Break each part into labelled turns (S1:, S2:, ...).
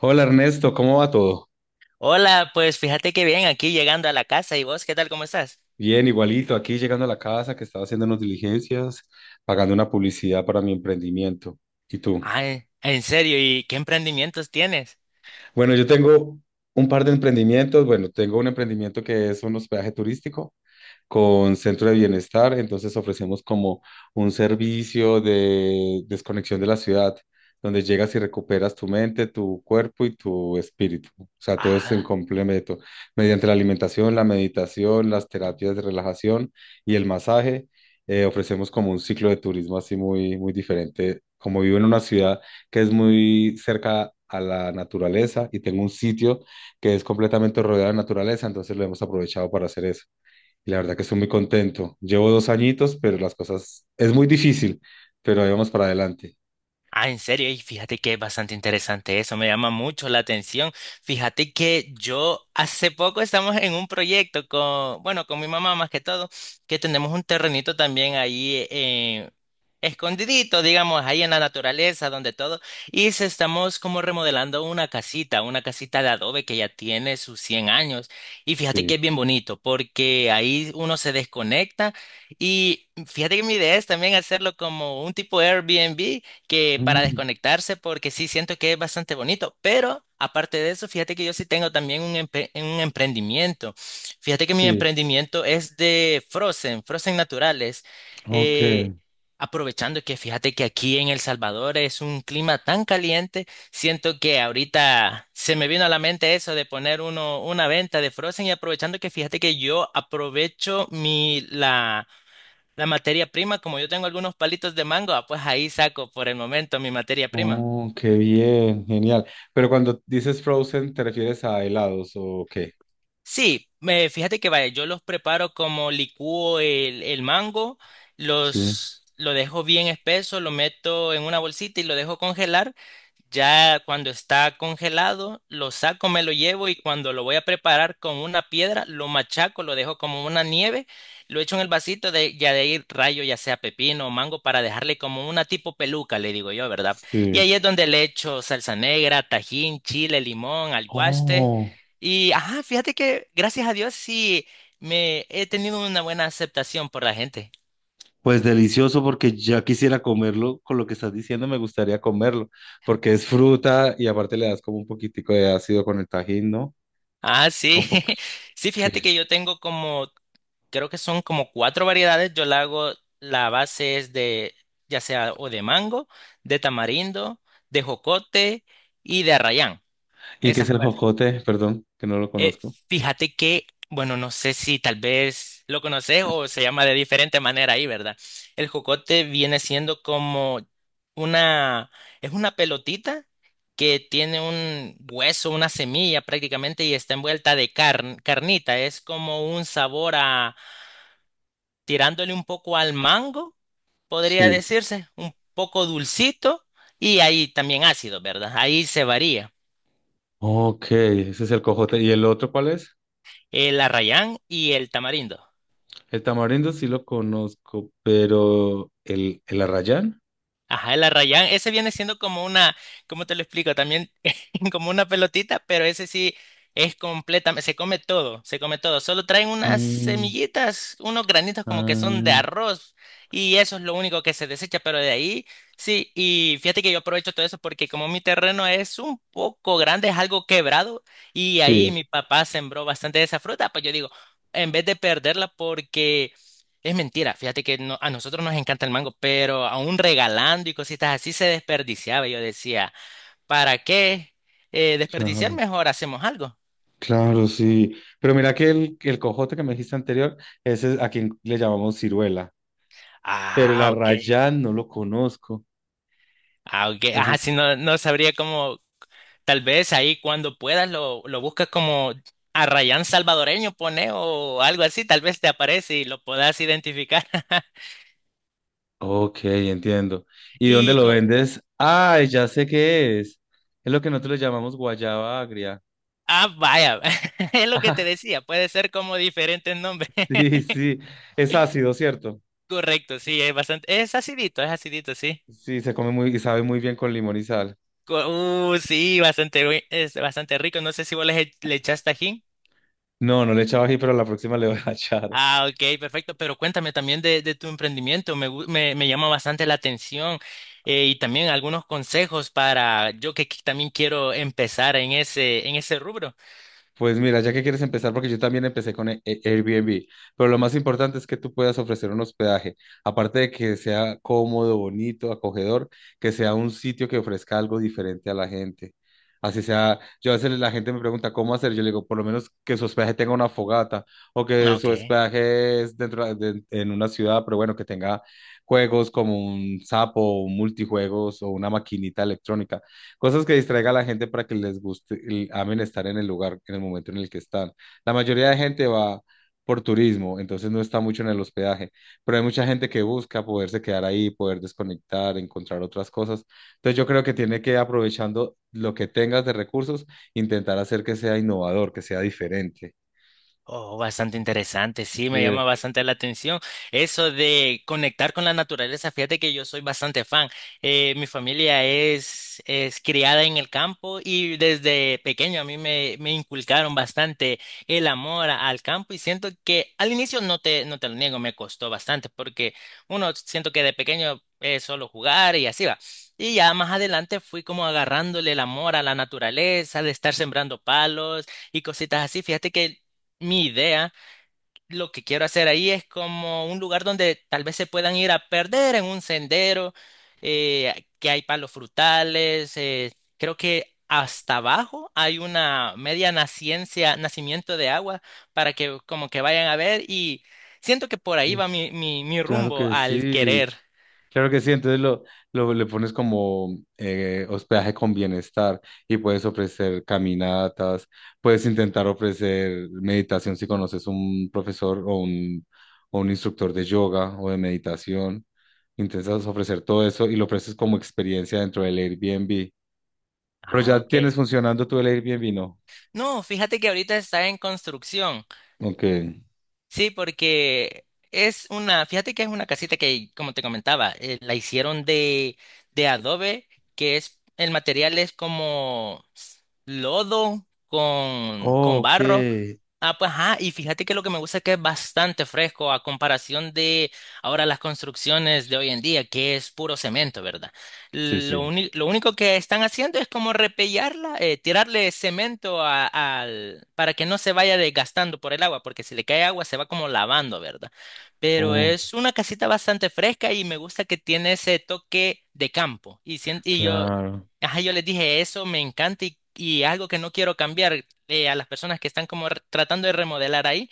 S1: Hola Ernesto, ¿cómo va todo?
S2: Hola, pues fíjate que bien, aquí llegando a la casa. ¿Y vos qué tal? ¿Cómo estás?
S1: Bien, igualito, aquí llegando a la casa que estaba haciendo unas diligencias, pagando una publicidad para mi emprendimiento. ¿Y tú?
S2: Ah, en serio, ¿y qué emprendimientos tienes?
S1: Bueno, yo tengo un par de emprendimientos. Bueno, tengo un emprendimiento que es un hospedaje turístico con Centro de Bienestar, entonces ofrecemos como un servicio de desconexión de la ciudad, donde llegas y recuperas tu mente, tu cuerpo y tu espíritu. O sea, todo es en
S2: Ah,
S1: complemento, mediante la alimentación, la meditación, las terapias de relajación y el masaje. Ofrecemos como un ciclo de turismo así muy diferente. Como vivo en una ciudad que es muy cerca a la naturaleza y tengo un sitio que es completamente rodeado de naturaleza, entonces lo hemos aprovechado para hacer eso. Y la verdad que estoy muy contento. Llevo dos añitos, pero las cosas es muy difícil, pero ahí vamos para adelante.
S2: ah, en serio, y fíjate que es bastante interesante eso, me llama mucho la atención. Fíjate que yo hace poco estamos en un proyecto con, bueno, con mi mamá más que todo, que tenemos un terrenito también ahí escondidito, digamos, ahí en la naturaleza, donde todo, y se estamos como remodelando una casita de adobe que ya tiene sus 100 años. Y fíjate que
S1: Sí.
S2: es bien bonito, porque ahí uno se desconecta y fíjate que mi idea es también hacerlo como un tipo Airbnb que para
S1: Mm,
S2: desconectarse, porque sí siento que es bastante bonito, pero aparte de eso, fíjate que yo sí tengo también un, un emprendimiento. Fíjate que mi
S1: sí.
S2: emprendimiento es de Frozen, Frozen naturales.
S1: Ok.
S2: Eh, aprovechando que fíjate que aquí en El Salvador es un clima tan caliente, siento que ahorita se me vino a la mente eso de poner uno, una venta de Frozen y aprovechando que fíjate que yo aprovecho mi, la materia prima, como yo tengo algunos palitos de mango, ah, pues ahí saco por el momento mi materia prima.
S1: Oh, qué bien, genial. Pero cuando dices frozen, ¿te refieres a helados o qué?
S2: Sí, me, fíjate que vaya, yo los preparo como licúo el mango,
S1: Sí.
S2: los, lo dejo bien espeso, lo meto en una bolsita y lo dejo congelar. Ya cuando está congelado, lo saco, me lo llevo y cuando lo voy a preparar con una piedra, lo machaco, lo dejo como una nieve, lo echo en el vasito de ya de ahí rayo, ya sea pepino o mango, para dejarle como una tipo peluca, le digo yo, ¿verdad? Y
S1: Sí.
S2: ahí es donde le echo salsa negra, tajín, chile, limón, alguaste.
S1: Oh,
S2: Y ajá, fíjate que gracias a Dios sí me he tenido una buena aceptación por la gente.
S1: pues delicioso porque ya quisiera comerlo. Con lo que estás diciendo, me gustaría comerlo porque es fruta y aparte le das como un poquitico de ácido con el tajín, ¿no?
S2: Ah, sí.
S1: Con po-
S2: Sí, fíjate
S1: ¿Qué?
S2: que yo tengo como, creo que son como cuatro variedades. Yo la hago, la base es de, ya sea o de mango, de tamarindo, de jocote y de arrayán.
S1: ¿Y qué es
S2: Esas
S1: el
S2: cuatro.
S1: jocote? Perdón, que no lo
S2: Eh,
S1: conozco.
S2: fíjate que, bueno, no sé si tal vez lo conoces o se llama de diferente manera ahí, ¿verdad? El jocote viene siendo como una, es una pelotita que tiene un hueso, una semilla prácticamente y está envuelta de carnita. Es como un sabor a, tirándole un poco al mango, podría
S1: Sí.
S2: decirse, un poco dulcito y ahí también ácido, ¿verdad? Ahí se varía
S1: Ok, ese es el cojote. ¿Y el otro cuál es?
S2: el arrayán y el tamarindo.
S1: El tamarindo sí lo conozco, pero el arrayán.
S2: Ajá, el arrayán, ese viene siendo como una, ¿cómo te lo explico? También como una pelotita, pero ese sí es completamente, se come todo, se come todo. Solo traen unas
S1: Mm,
S2: semillitas, unos granitos como que son de
S1: ah,
S2: arroz y eso es lo único que se desecha, pero de ahí sí, y fíjate que yo aprovecho todo eso porque como mi terreno es un poco grande, es algo quebrado y
S1: sí,
S2: ahí mi papá sembró bastante de esa fruta, pues yo digo, en vez de perderla porque... Es mentira, fíjate que no- a nosotros nos encanta el mango, pero aún regalando y cositas así se desperdiciaba. Yo decía, ¿para qué desperdiciar?
S1: claro.
S2: Mejor hacemos algo.
S1: Claro, sí. Pero mira que el cojote que me dijiste anterior, ese es a quien le llamamos ciruela. Pero el
S2: Ah, ok.
S1: arrayán no lo conozco.
S2: Ah, ok.
S1: Ese
S2: Ah, sí,
S1: es.
S2: no, no sabría cómo, tal vez ahí cuando puedas lo buscas como arrayán salvadoreño, pone o algo así, tal vez te aparece y lo puedas identificar.
S1: Ok, entiendo. ¿Y dónde
S2: Y
S1: lo
S2: con...
S1: vendes? Ay, ya sé qué es. Es lo que nosotros le llamamos guayaba agria.
S2: Ah, vaya, es lo que te decía, puede ser como diferentes nombres.
S1: Sí, sí, es ácido, ¿cierto?
S2: Correcto, sí, es bastante, es acidito, sí.
S1: Sí, se come muy y sabe muy bien con limón y sal.
S2: Co- sí, bastante, es bastante rico. No sé si vos le, le echás tajín.
S1: No, no le echaba ají, pero la próxima le voy a echar.
S2: Ah, ok, perfecto. Pero cuéntame también de tu emprendimiento. Me, me, me llama bastante la atención y también algunos consejos para yo que también quiero empezar en ese rubro.
S1: Pues mira, ya que quieres empezar, porque yo también empecé con Airbnb, pero lo más importante es que tú puedas ofrecer un hospedaje, aparte de que sea cómodo, bonito, acogedor, que sea un sitio que ofrezca algo diferente a la gente. Así sea, yo a veces la gente me pregunta cómo hacer, yo le digo, por lo menos que su hospedaje tenga una fogata o
S2: Ah,
S1: que su
S2: ok.
S1: hospedaje es dentro en una ciudad, pero bueno, que tenga juegos como un sapo, un multijuegos o una maquinita electrónica. Cosas que distraiga a la gente para que les guste y amen estar en el lugar, en el momento en el que están. La mayoría de gente va por turismo, entonces no está mucho en el hospedaje, pero hay mucha gente que busca poderse quedar ahí, poder desconectar, encontrar otras cosas. Entonces yo creo que tiene que, aprovechando lo que tengas de recursos, intentar hacer que sea innovador, que sea diferente.
S2: Oh, bastante interesante, sí, me
S1: Que-
S2: llama bastante la atención eso de conectar con la naturaleza. Fíjate que yo soy bastante fan. Mi familia es criada en el campo y desde pequeño a mí me, me inculcaron bastante el amor al campo y siento que al inicio no te, no te lo niego, me costó bastante porque uno siento que de pequeño es solo jugar y así va. Y ya más adelante fui como agarrándole el amor a la naturaleza, de estar sembrando palos y cositas así. Fíjate que mi idea, lo que quiero hacer ahí es como un lugar donde tal vez se puedan ir a perder en un sendero, que hay palos frutales, creo que hasta abajo hay una media naciencia, nacimiento de agua para que como que vayan a ver y siento que por ahí
S1: que-
S2: va mi, mi, mi
S1: claro
S2: rumbo
S1: que
S2: al
S1: sí.
S2: querer.
S1: Claro que sí, entonces le pones como hospedaje con bienestar y puedes ofrecer caminatas, puedes intentar ofrecer meditación si conoces un profesor o un instructor de yoga o de meditación. Intentas ofrecer todo eso y lo ofreces como experiencia dentro del Airbnb. Pero
S2: Ah,
S1: ya
S2: ok.
S1: tienes funcionando tú el Airbnb, ¿no?
S2: No, fíjate que ahorita está en construcción.
S1: Ok.
S2: Sí, porque es una, fíjate que es una casita que, como te comentaba, la hicieron de adobe, que es, el material es como lodo
S1: Oh,
S2: con barro.
S1: ok.
S2: Ah, pues ajá, y fíjate que lo que me gusta es que es bastante fresco a comparación de ahora las construcciones de hoy en día, que es puro cemento, ¿verdad?
S1: Sí,
S2: Lo,
S1: sí.
S2: lo único que están haciendo es como repellarla, tirarle cemento al, para que no se vaya desgastando por el agua, porque si le cae agua se va como lavando, ¿verdad? Pero
S1: Oh,
S2: es una casita bastante fresca y me gusta que tiene ese toque de campo. Y, y yo,
S1: claro.
S2: ajá, yo les dije, eso me encanta y algo que no quiero cambiar a las personas que están como tratando de remodelar ahí.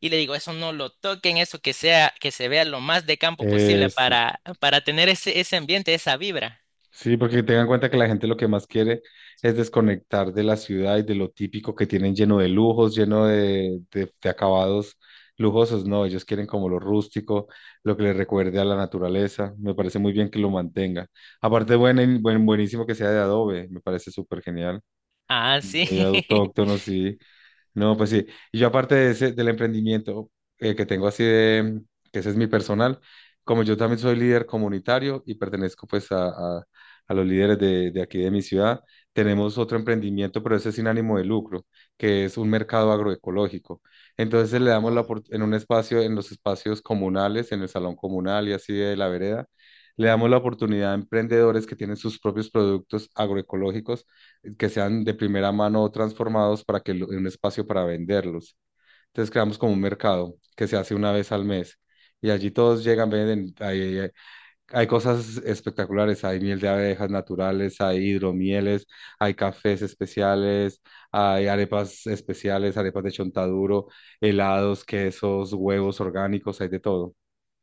S2: Y le digo, eso no lo toquen, eso que sea, que se vea lo más de campo posible
S1: Eso.
S2: para tener ese, ese ambiente, esa vibra.
S1: Sí, porque tengan en cuenta que la gente lo que más quiere es desconectar de la ciudad y de lo típico que tienen lleno de lujos, lleno de, de acabados lujosos. No, ellos quieren como lo rústico, lo que les recuerde a la naturaleza. Me parece muy bien que lo mantenga. Aparte, buenísimo que sea de adobe, me parece súper genial.
S2: Ah, sí.
S1: Muy autóctono, sí. No, pues sí. Y yo aparte de ese, del emprendimiento que tengo así de, que ese es mi personal, como yo también soy líder comunitario y pertenezco pues a los líderes de aquí de mi ciudad, tenemos otro emprendimiento, pero ese es sin ánimo de lucro, que es un mercado agroecológico. Entonces le damos la
S2: Oh.
S1: opor- en un espacio, en los espacios comunales, en el salón comunal y así de la vereda, le damos la oportunidad a emprendedores que tienen sus propios productos agroecológicos que sean de primera mano transformados en un espacio para venderlos. Entonces creamos como un mercado que se hace una vez al mes. Y allí todos llegan, venden, hay cosas espectaculares, hay miel de abejas naturales, hay hidromieles, hay cafés especiales, hay arepas especiales, arepas de chontaduro, helados, quesos, huevos orgánicos, hay de todo.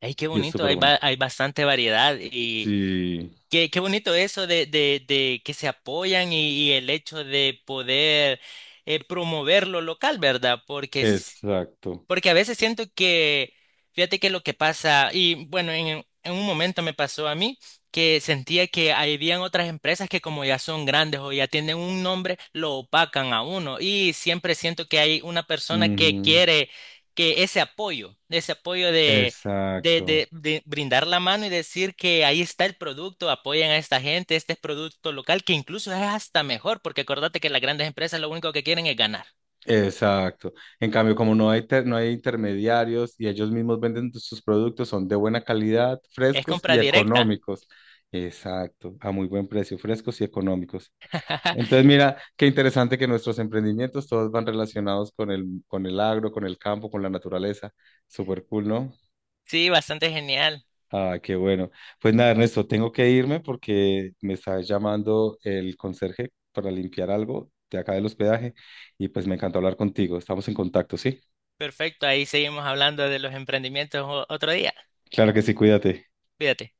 S2: Ay, qué
S1: Y es
S2: bonito,
S1: súper
S2: hay,
S1: bonito.
S2: hay bastante variedad y
S1: Sí,
S2: qué, qué bonito eso de que se apoyan y el hecho de poder promover lo local, ¿verdad? Porque
S1: exacto.
S2: porque a veces siento que, fíjate que lo que pasa, y bueno, en un momento me pasó a mí que sentía que habían otras empresas que como ya son grandes o ya tienen un nombre, lo opacan a uno. Y siempre siento que hay una persona que
S1: Ujú,
S2: quiere que ese apoyo
S1: exacto.
S2: de brindar la mano y decir que ahí está el producto, apoyen a esta gente, este es producto local, que incluso es hasta mejor, porque acordate que las grandes empresas lo único que quieren es ganar.
S1: Exacto. En cambio, como no hay intermediarios y ellos mismos venden sus productos, son de buena calidad,
S2: Es
S1: frescos y
S2: compra directa.
S1: económicos. Exacto, a muy buen precio, frescos y económicos. Entonces, mira, qué interesante que nuestros emprendimientos todos van relacionados con con el agro, con el campo, con la naturaleza. Súper cool, ¿no?
S2: Sí, bastante genial.
S1: Ah, qué bueno. Pues nada, Ernesto, tengo que irme porque me está llamando el conserje para limpiar algo de acá del hospedaje y pues me encantó hablar contigo. Estamos en contacto, ¿sí?
S2: Perfecto, ahí seguimos hablando de los emprendimientos otro día.
S1: Claro que sí, cuídate.
S2: Cuídate.